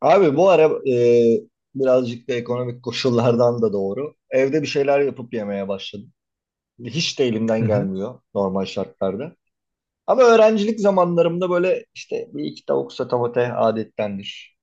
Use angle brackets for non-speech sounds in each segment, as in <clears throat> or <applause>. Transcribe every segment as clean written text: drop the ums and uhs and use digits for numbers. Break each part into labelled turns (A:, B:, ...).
A: Abi bu ara birazcık da ekonomik koşullardan da doğru. Evde bir şeyler yapıp yemeye başladım. Hiç de
B: Hı
A: elimden
B: hı.
A: gelmiyor normal şartlarda. Ama öğrencilik zamanlarımda böyle işte bir iki tavuk sotomate adettendir.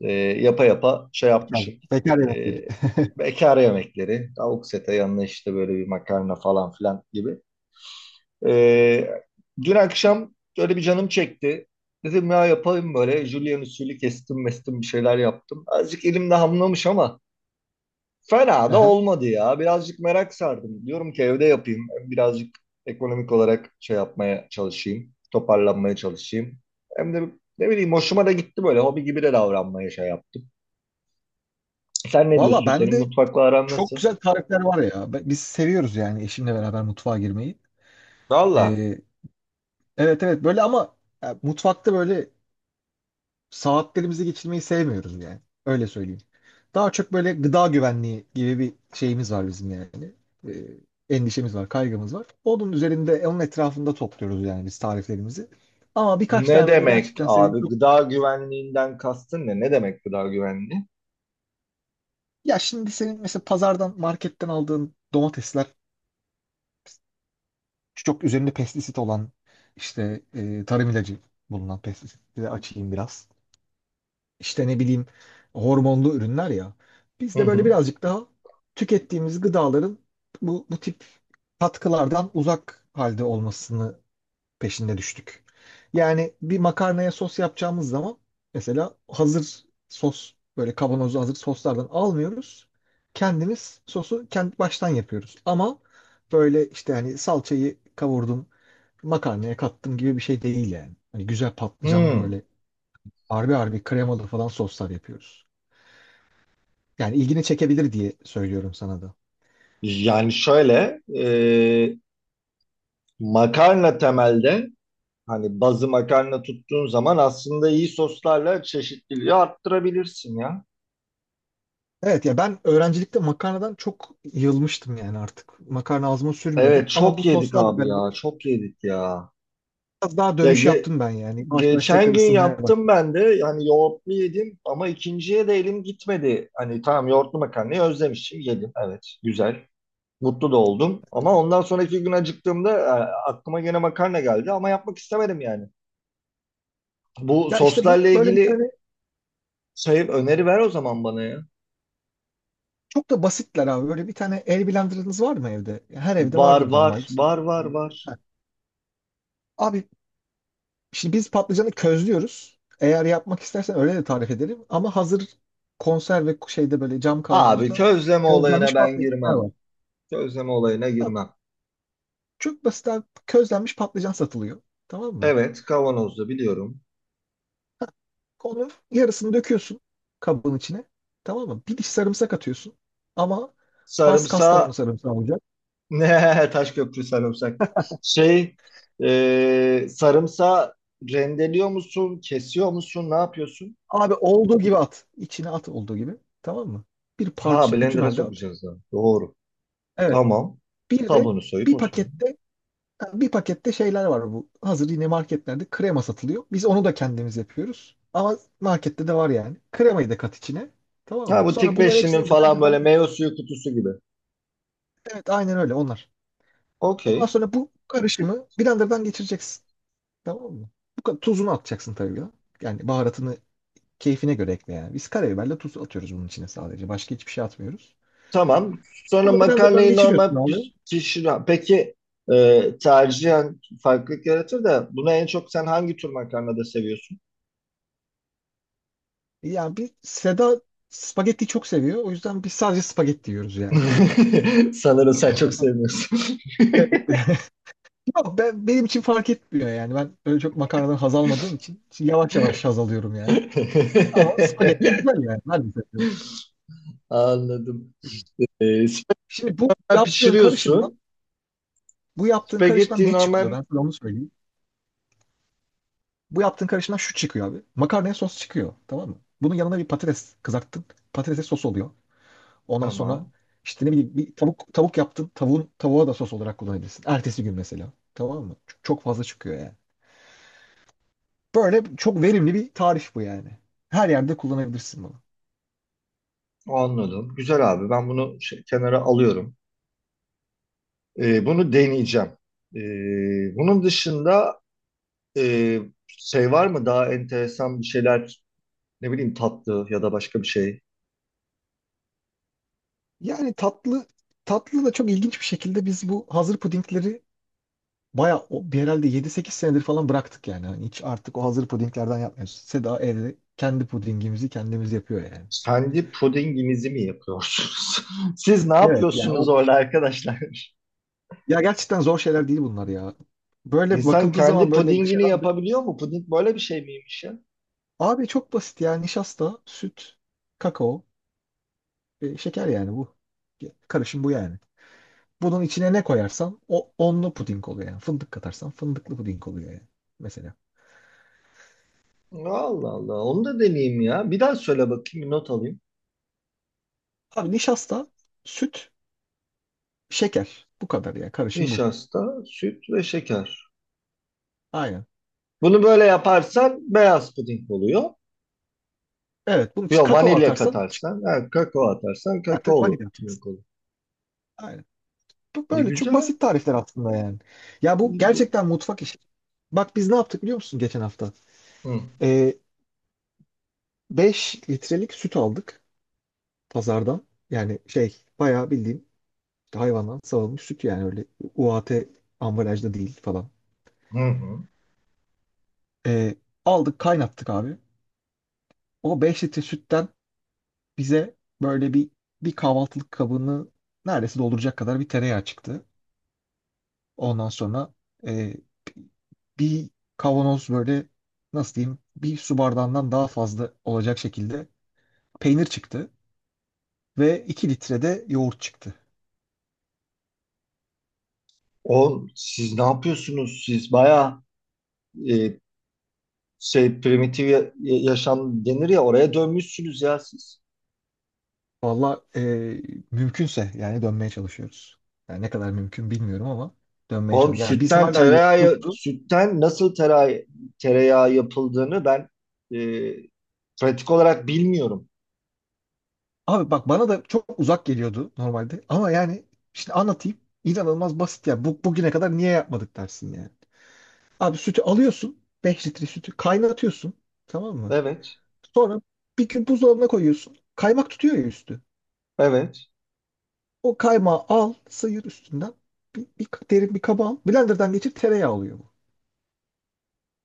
A: Yapa yapa şey
B: Bekar,
A: yapmışım.
B: bekar
A: E,
B: yemekleri. <laughs>
A: Bekar yemekleri, tavuk sete yanına işte böyle bir makarna falan filan gibi. Ee, Dün akşam şöyle bir canım çekti. Dedim ya yapayım böyle. Julian usulü kestim mestim bir şeyler yaptım. Azıcık elimde hamlamış ama fena da
B: Aha.
A: olmadı ya. Birazcık merak sardım. Diyorum ki evde yapayım. Hem birazcık ekonomik olarak şey yapmaya çalışayım. Toparlanmaya çalışayım. Hem de ne bileyim hoşuma da gitti böyle. Hobi gibi de davranmaya şey yaptım. Sen ne
B: Valla
A: diyorsun? Senin
B: bende
A: mutfakla aran
B: çok
A: nasıl?
B: güzel tarifler var ya. Be- Biz seviyoruz yani eşimle beraber mutfağa girmeyi.
A: Valla,
B: Ee, evet evet böyle ama mutfakta böyle saatlerimizi geçirmeyi sevmiyoruz yani. Öyle söyleyeyim. Daha çok böyle gıda güvenliği gibi bir şeyimiz var bizim yani. Endişemiz var, kaygımız var. Onun üzerinde, onun etrafında topluyoruz yani biz tariflerimizi. Ama birkaç
A: ne
B: tane böyle
A: demek
B: gerçekten sevdiğim
A: abi?
B: çok...
A: Gıda güvenliğinden kastın ne? Ne demek gıda güvenliği?
B: Ya şimdi senin mesela pazardan, marketten aldığın domatesler çok üzerinde pestisit olan işte tarım ilacı bulunan pestisitleri açayım biraz. İşte ne bileyim hormonlu ürünler ya. Biz
A: Hı
B: de böyle
A: hı.
B: birazcık daha tükettiğimiz gıdaların bu tip katkılardan uzak halde olmasını peşinde düştük. Yani bir makarnaya sos yapacağımız zaman mesela hazır sos böyle kavanozlu hazır soslardan almıyoruz. Kendimiz sosu kendi baştan yapıyoruz. Ama böyle işte hani salçayı kavurdum, makarnaya kattım gibi bir şey değil yani. Hani güzel patlıcanlı
A: Hmm.
B: böyle harbi harbi kremalı falan soslar yapıyoruz. Yani ilgini çekebilir diye söylüyorum sana da.
A: Yani şöyle makarna temelde hani bazı makarna tuttuğun zaman aslında iyi soslarla çeşitliliği arttırabilirsin ya.
B: Evet ya ben öğrencilikte makarnadan çok yılmıştım yani artık. Makarna ağzıma sürmüyordum
A: Evet
B: ama
A: çok
B: bu
A: yedik
B: soslarla
A: abi ya,
B: beraber
A: çok yedik ya.
B: biraz daha
A: Ya
B: dönüş yaptım ben yani. Yavaş yavaş
A: geçen
B: tekrar
A: gün
B: ısınmaya bak.
A: yaptım ben de yani, yoğurtlu yedim ama ikinciye de elim gitmedi. Hani tamam, yoğurtlu makarnayı özlemişim, yedim, evet güzel, mutlu da oldum. Ama ondan sonraki gün acıktığımda aklıma gene makarna geldi ama yapmak istemedim yani. Bu
B: Ya işte bu
A: soslarla
B: böyle bir
A: ilgili
B: tane
A: şey, öneri ver o zaman bana ya.
B: çok da basitler abi. Böyle bir tane el blenderınız var mı evde? Ya her evde
A: Var
B: vardır
A: var
B: normalde.
A: var var var.
B: Ha. Abi şimdi biz patlıcanı közlüyoruz. Eğer yapmak istersen öyle de tarif ederim. Ama hazır konserve şeyde böyle cam
A: Abi
B: kavanozda
A: közleme olayına
B: közlenmiş
A: ben
B: patlıcanlar
A: girmem.
B: var.
A: Közleme olayına
B: Ha,
A: girmem.
B: çok basit abi. Közlenmiş patlıcan satılıyor. Tamam mı?
A: Evet, kavanozda biliyorum.
B: Onun yarısını döküyorsun kabın içine. Tamam mı? Bir diş sarımsak atıyorsun. Ama has Kastamonu
A: Sarımsa
B: sarımsağı olacak.
A: <laughs> ne Taşköprü sarımsak. Şey sarımsağı rendeliyor musun? Kesiyor musun? Ne yapıyorsun?
B: Abi olduğu gibi at. İçine at olduğu gibi. Tamam mı? Bir
A: Ha,
B: parça bütün
A: blender'a
B: halde at.
A: sokacağız da. Doğru.
B: Evet.
A: Tamam.
B: Bir de
A: Kabuğunu soyup
B: bir
A: atıyorum.
B: pakette bir pakette şeyler var bu. Hazır yine marketlerde krema satılıyor. Biz onu da kendimiz yapıyoruz. Ama markette de var yani. Kremayı da kat içine. Tamam
A: Ha,
B: mı?
A: bu
B: Sonra
A: tik
B: bunların
A: beşlinin
B: hepsini
A: falan böyle
B: blenderdan geçir.
A: meyve suyu kutusu gibi.
B: Evet aynen öyle onlar. Ondan
A: Okey.
B: sonra bu karışımı blenderdan geçireceksin. Tamam mı? Bu kadar tuzunu atacaksın tabii ya. Yani baharatını keyfine göre ekle yani. Biz karabiberle tuz atıyoruz bunun içine sadece. Başka hiçbir şey atmıyoruz.
A: Tamam. Sonra
B: Bunu blenderdan
A: makarnayı
B: geçiriyorsun
A: normal
B: abi.
A: pişir. Peki tercihen farklılık yaratır da buna en çok sen hangi tür makarnada seviyorsun?
B: Yani bir Seda spagetti çok seviyor. O yüzden biz sadece spagetti yiyoruz yani.
A: <laughs> Sanırım sen çok sevmiyorsun.
B: Evet. <laughs> Yok, benim için fark etmiyor yani. Ben öyle çok makarnadan haz almadığım için şimdi yavaş yavaş haz alıyorum yani. Ama spagetti güzel yani. Ben de seviyorum.
A: <laughs> Anladım. E,
B: Şimdi bu
A: spagetti
B: yaptığın karışımdan
A: pişiriyorsun.
B: Bu yaptığın karışımdan
A: Spagetti
B: ne çıkıyor?
A: normal.
B: Ben sana onu söyleyeyim. Bu yaptığın karışımdan şu çıkıyor abi. Makarnaya sos çıkıyor. Tamam mı? Bunun yanına bir patates kızarttın. Patatese sos oluyor. Ondan sonra
A: Tamam.
B: işte ne bileyim bir tavuk yaptın. Tavuğun tavuğa da sos olarak kullanabilirsin. Ertesi gün mesela. Tamam mı? Çok fazla çıkıyor yani. Böyle çok verimli bir tarif bu yani. Her yerde kullanabilirsin bunu.
A: Anladım. Güzel abi. Ben bunu kenara alıyorum. Bunu deneyeceğim. E, bunun dışında e, şey var mı, daha enteresan bir şeyler, ne bileyim tatlı ya da başka bir şey.
B: Yani tatlı tatlı da çok ilginç bir şekilde biz bu hazır pudingleri bayağı o- bir herhalde 7-8 senedir falan bıraktık yani. Hani hiç artık o hazır pudinglerden yapmıyoruz. Seda evde kendi pudingimizi kendimiz yapıyor yani.
A: Kendi pudinginizi mi yapıyorsunuz? <laughs> Siz ne
B: Evet yani
A: yapıyorsunuz
B: o
A: orada arkadaşlar?
B: ya gerçekten zor şeyler değil bunlar ya.
A: <laughs>
B: Böyle
A: İnsan
B: bakıldığı zaman
A: kendi
B: böyle
A: pudingini
B: dışarıdan
A: yapabiliyor mu? Puding böyle bir şey miymiş ya?
B: abi çok basit ya nişasta, süt, kakao, şeker yani bu. Karışım bu yani. Bunun içine ne koyarsan o onlu puding oluyor yani. Fındık katarsan fındıklı puding oluyor yani mesela.
A: Allah Allah. Onu da deneyeyim ya. Bir daha söyle bakayım. Bir not alayım.
B: Abi nişasta, süt, şeker. Bu kadar ya. Karışım bu.
A: Nişasta, süt ve şeker.
B: Aynen.
A: Bunu böyle yaparsan beyaz puding oluyor.
B: Evet. Bunun için
A: Yok,
B: kakao
A: vanilya
B: atarsan çık-
A: katarsan, ha, kakao atarsan
B: ha, tabii
A: kakaolu
B: vanilya
A: puding
B: atacaksın.
A: olur.
B: Aynen. Bu
A: Ne
B: böyle çok
A: güzel.
B: basit tarifler aslında yani. Ya bu
A: Bu.
B: gerçekten mutfak işi. Bak biz ne yaptık biliyor musun geçen hafta?
A: Hı.
B: Ee, 5 litrelik süt aldık pazardan. Yani şey bayağı bildiğin hayvandan sağılmış süt yani öyle UHT ambalajda değil falan.
A: Hı hı.
B: Ee, Aldık kaynattık abi. O 5 litre sütten bize böyle bir kahvaltılık kabını neredeyse dolduracak kadar bir tereyağı çıktı. Ondan sonra e, bir kavanoz böyle nasıl diyeyim bir su bardağından daha fazla olacak şekilde peynir çıktı ve 2 litre de yoğurt çıktı.
A: Oğlum siz ne yapıyorsunuz siz? Bayağı e, primitif yaşam denir ya, oraya dönmüşsünüz ya siz.
B: Valla mümkünse yani dönmeye çalışıyoruz. Yani ne kadar mümkün bilmiyorum ama dönmeye
A: Oğlum
B: çalışıyoruz. Yani biz
A: sütten
B: hala
A: tereyağı,
B: yoğurdumuzu
A: sütten nasıl tereyağı, tereyağı yapıldığını ben e, pratik olarak bilmiyorum.
B: Abi bak bana da çok uzak geliyordu normalde. Ama yani şimdi anlatayım. İnanılmaz basit ya. Bu, bugüne kadar niye yapmadık dersin yani. Abi sütü alıyorsun. 5 litre sütü kaynatıyorsun. Tamam mı?
A: Evet.
B: Sonra bir gün buzdolabına koyuyorsun. Kaymak tutuyor ya üstü.
A: Evet.
B: O kaymağı al, sıyır üstünden. Bir derin bir kaba al. Blenderdan geçir tereyağı oluyor bu.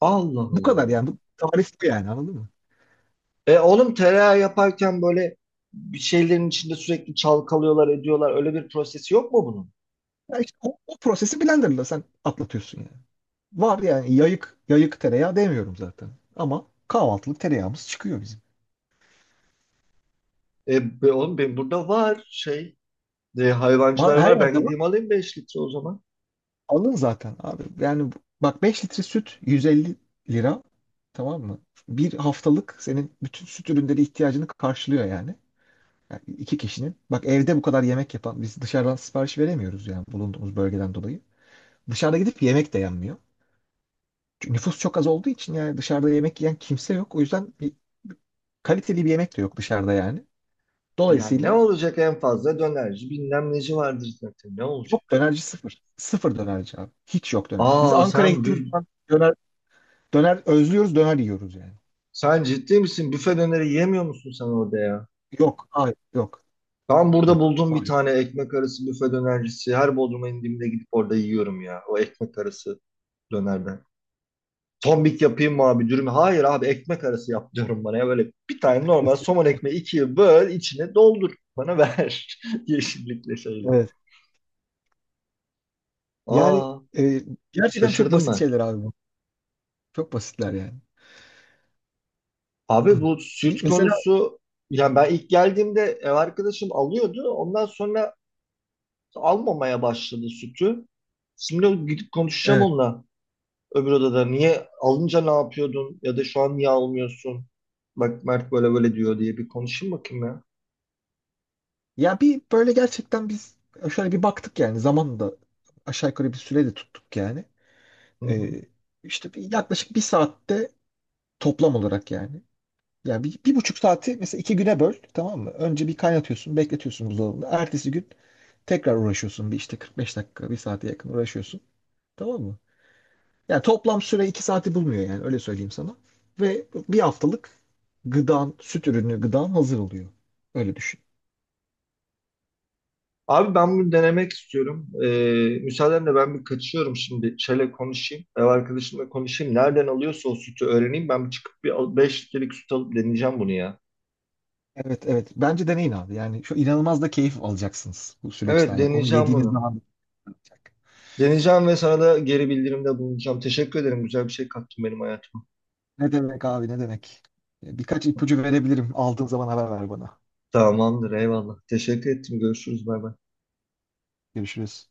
A: Allah
B: Bu kadar
A: Allah.
B: yani. Bu tarif bu yani anladın mı?
A: Oğlum tereyağı yaparken böyle bir şeylerin içinde sürekli çalkalıyorlar, ediyorlar. Öyle bir prosesi yok mu bunun?
B: Ya işte o prosesi blenderla sen atlatıyorsun yani. Var yani yayık yayık tereyağı demiyorum zaten. Ama kahvaltılık tereyağımız çıkıyor
A: E be, oğlum benim burada var şey.
B: Var,
A: Hayvancılar
B: her
A: var. Ben
B: yerde var.
A: gideyim alayım 5 litre o zaman.
B: Alın zaten abi. Yani bu- bak 5 litre süt 150 lira. Tamam mı? Bir haftalık senin bütün süt ürünleri ihtiyacını karşılıyor yani. Yani iki kişinin. Bak evde bu kadar yemek yapan biz dışarıdan sipariş veremiyoruz yani bulunduğumuz bölgeden dolayı. Dışarıda gidip yemek de yenmiyor. Çünkü nüfus çok az olduğu için yani dışarıda yemek yiyen kimse yok. O yüzden bir kaliteli bir yemek de yok dışarıda yani.
A: Yani ne
B: Dolayısıyla
A: olacak, en fazla dönerci bilmem neci vardır zaten, ne
B: yok
A: olacak?
B: dönerci sıfır. Sıfır dönerci abi. Hiç yok dönerci. Biz
A: Aa sen
B: Ankara'ya gittiğimiz zaman döner Döner özlüyoruz, döner yiyoruz yani.
A: sen ciddi misin? Büfe döneri yemiyor musun sen orada ya?
B: Yok, hayır, yok,
A: Ben burada
B: Yok.
A: buldum bir
B: Hayır.
A: tane ekmek arası büfe dönercisi. Her Bodrum'a indiğimde gidip orada yiyorum ya. O ekmek arası dönerden. Tombik yapayım mı abi, dürüm? Hayır abi, ekmek arası yap diyorum bana ya. Böyle bir tane normal
B: <laughs>
A: somon ekmeği ikiye böl, içine doldur. Bana ver. <laughs> Yeşillikle şeyle.
B: Evet. Yani
A: Aa,
B: e, gerçekten çok
A: şaşırdım
B: basit
A: ben.
B: şeyler abi bu. Çok basitler yani.
A: Abi
B: <clears throat>
A: bu
B: Bir,
A: süt
B: mesela
A: konusu, yani ben ilk geldiğimde ev arkadaşım alıyordu. Ondan sonra almamaya başladı sütü. Şimdi gidip konuşacağım
B: evet.
A: onunla, öbür odada. Niye alınca ne yapıyordun ya da şu an niye almıyorsun? Bak Mert böyle böyle diyor diye bir konuşayım bakayım ya.
B: Ya bir böyle gerçekten biz şöyle bir baktık yani zaman da aşağı yukarı bir süre de tuttuk yani.
A: Hı hı.
B: Ee, işte bir, yaklaşık bir saatte toplam olarak yani. Yani bir, bir buçuk saati mesela iki güne böl tamam mı? Önce bir kaynatıyorsun bekletiyorsun buzdolabında. Ertesi gün tekrar uğraşıyorsun bir işte 45 dakika bir saate yakın uğraşıyorsun. Tamam mı? Yani toplam süre 2 saati bulmuyor yani öyle söyleyeyim sana. Ve bir haftalık gıdan, süt ürünü gıdan hazır oluyor. Öyle düşün.
A: Abi ben bunu denemek istiyorum. Müsaadenle ben bir kaçıyorum şimdi. Çele konuşayım. Ev arkadaşımla konuşayım. Nereden alıyorsa o sütü öğreneyim. Ben bir çıkıp bir 5 litrelik süt alıp deneyeceğim bunu ya.
B: Evet evet. Bence deneyin abi. Yani şu inanılmaz da keyif alacaksınız bu süreçten.
A: Evet,
B: Yani onu
A: deneyeceğim
B: yediğiniz
A: bunu.
B: zaman
A: Deneyeceğim ve sana da geri bildirimde bulunacağım. Teşekkür ederim. Güzel bir şey kattın benim hayatıma.
B: Ne demek abi ne demek. Birkaç ipucu verebilirim. Aldığın zaman haber ver bana.
A: Tamamdır. Eyvallah. Teşekkür ettim. Görüşürüz. Bay bay.
B: Görüşürüz.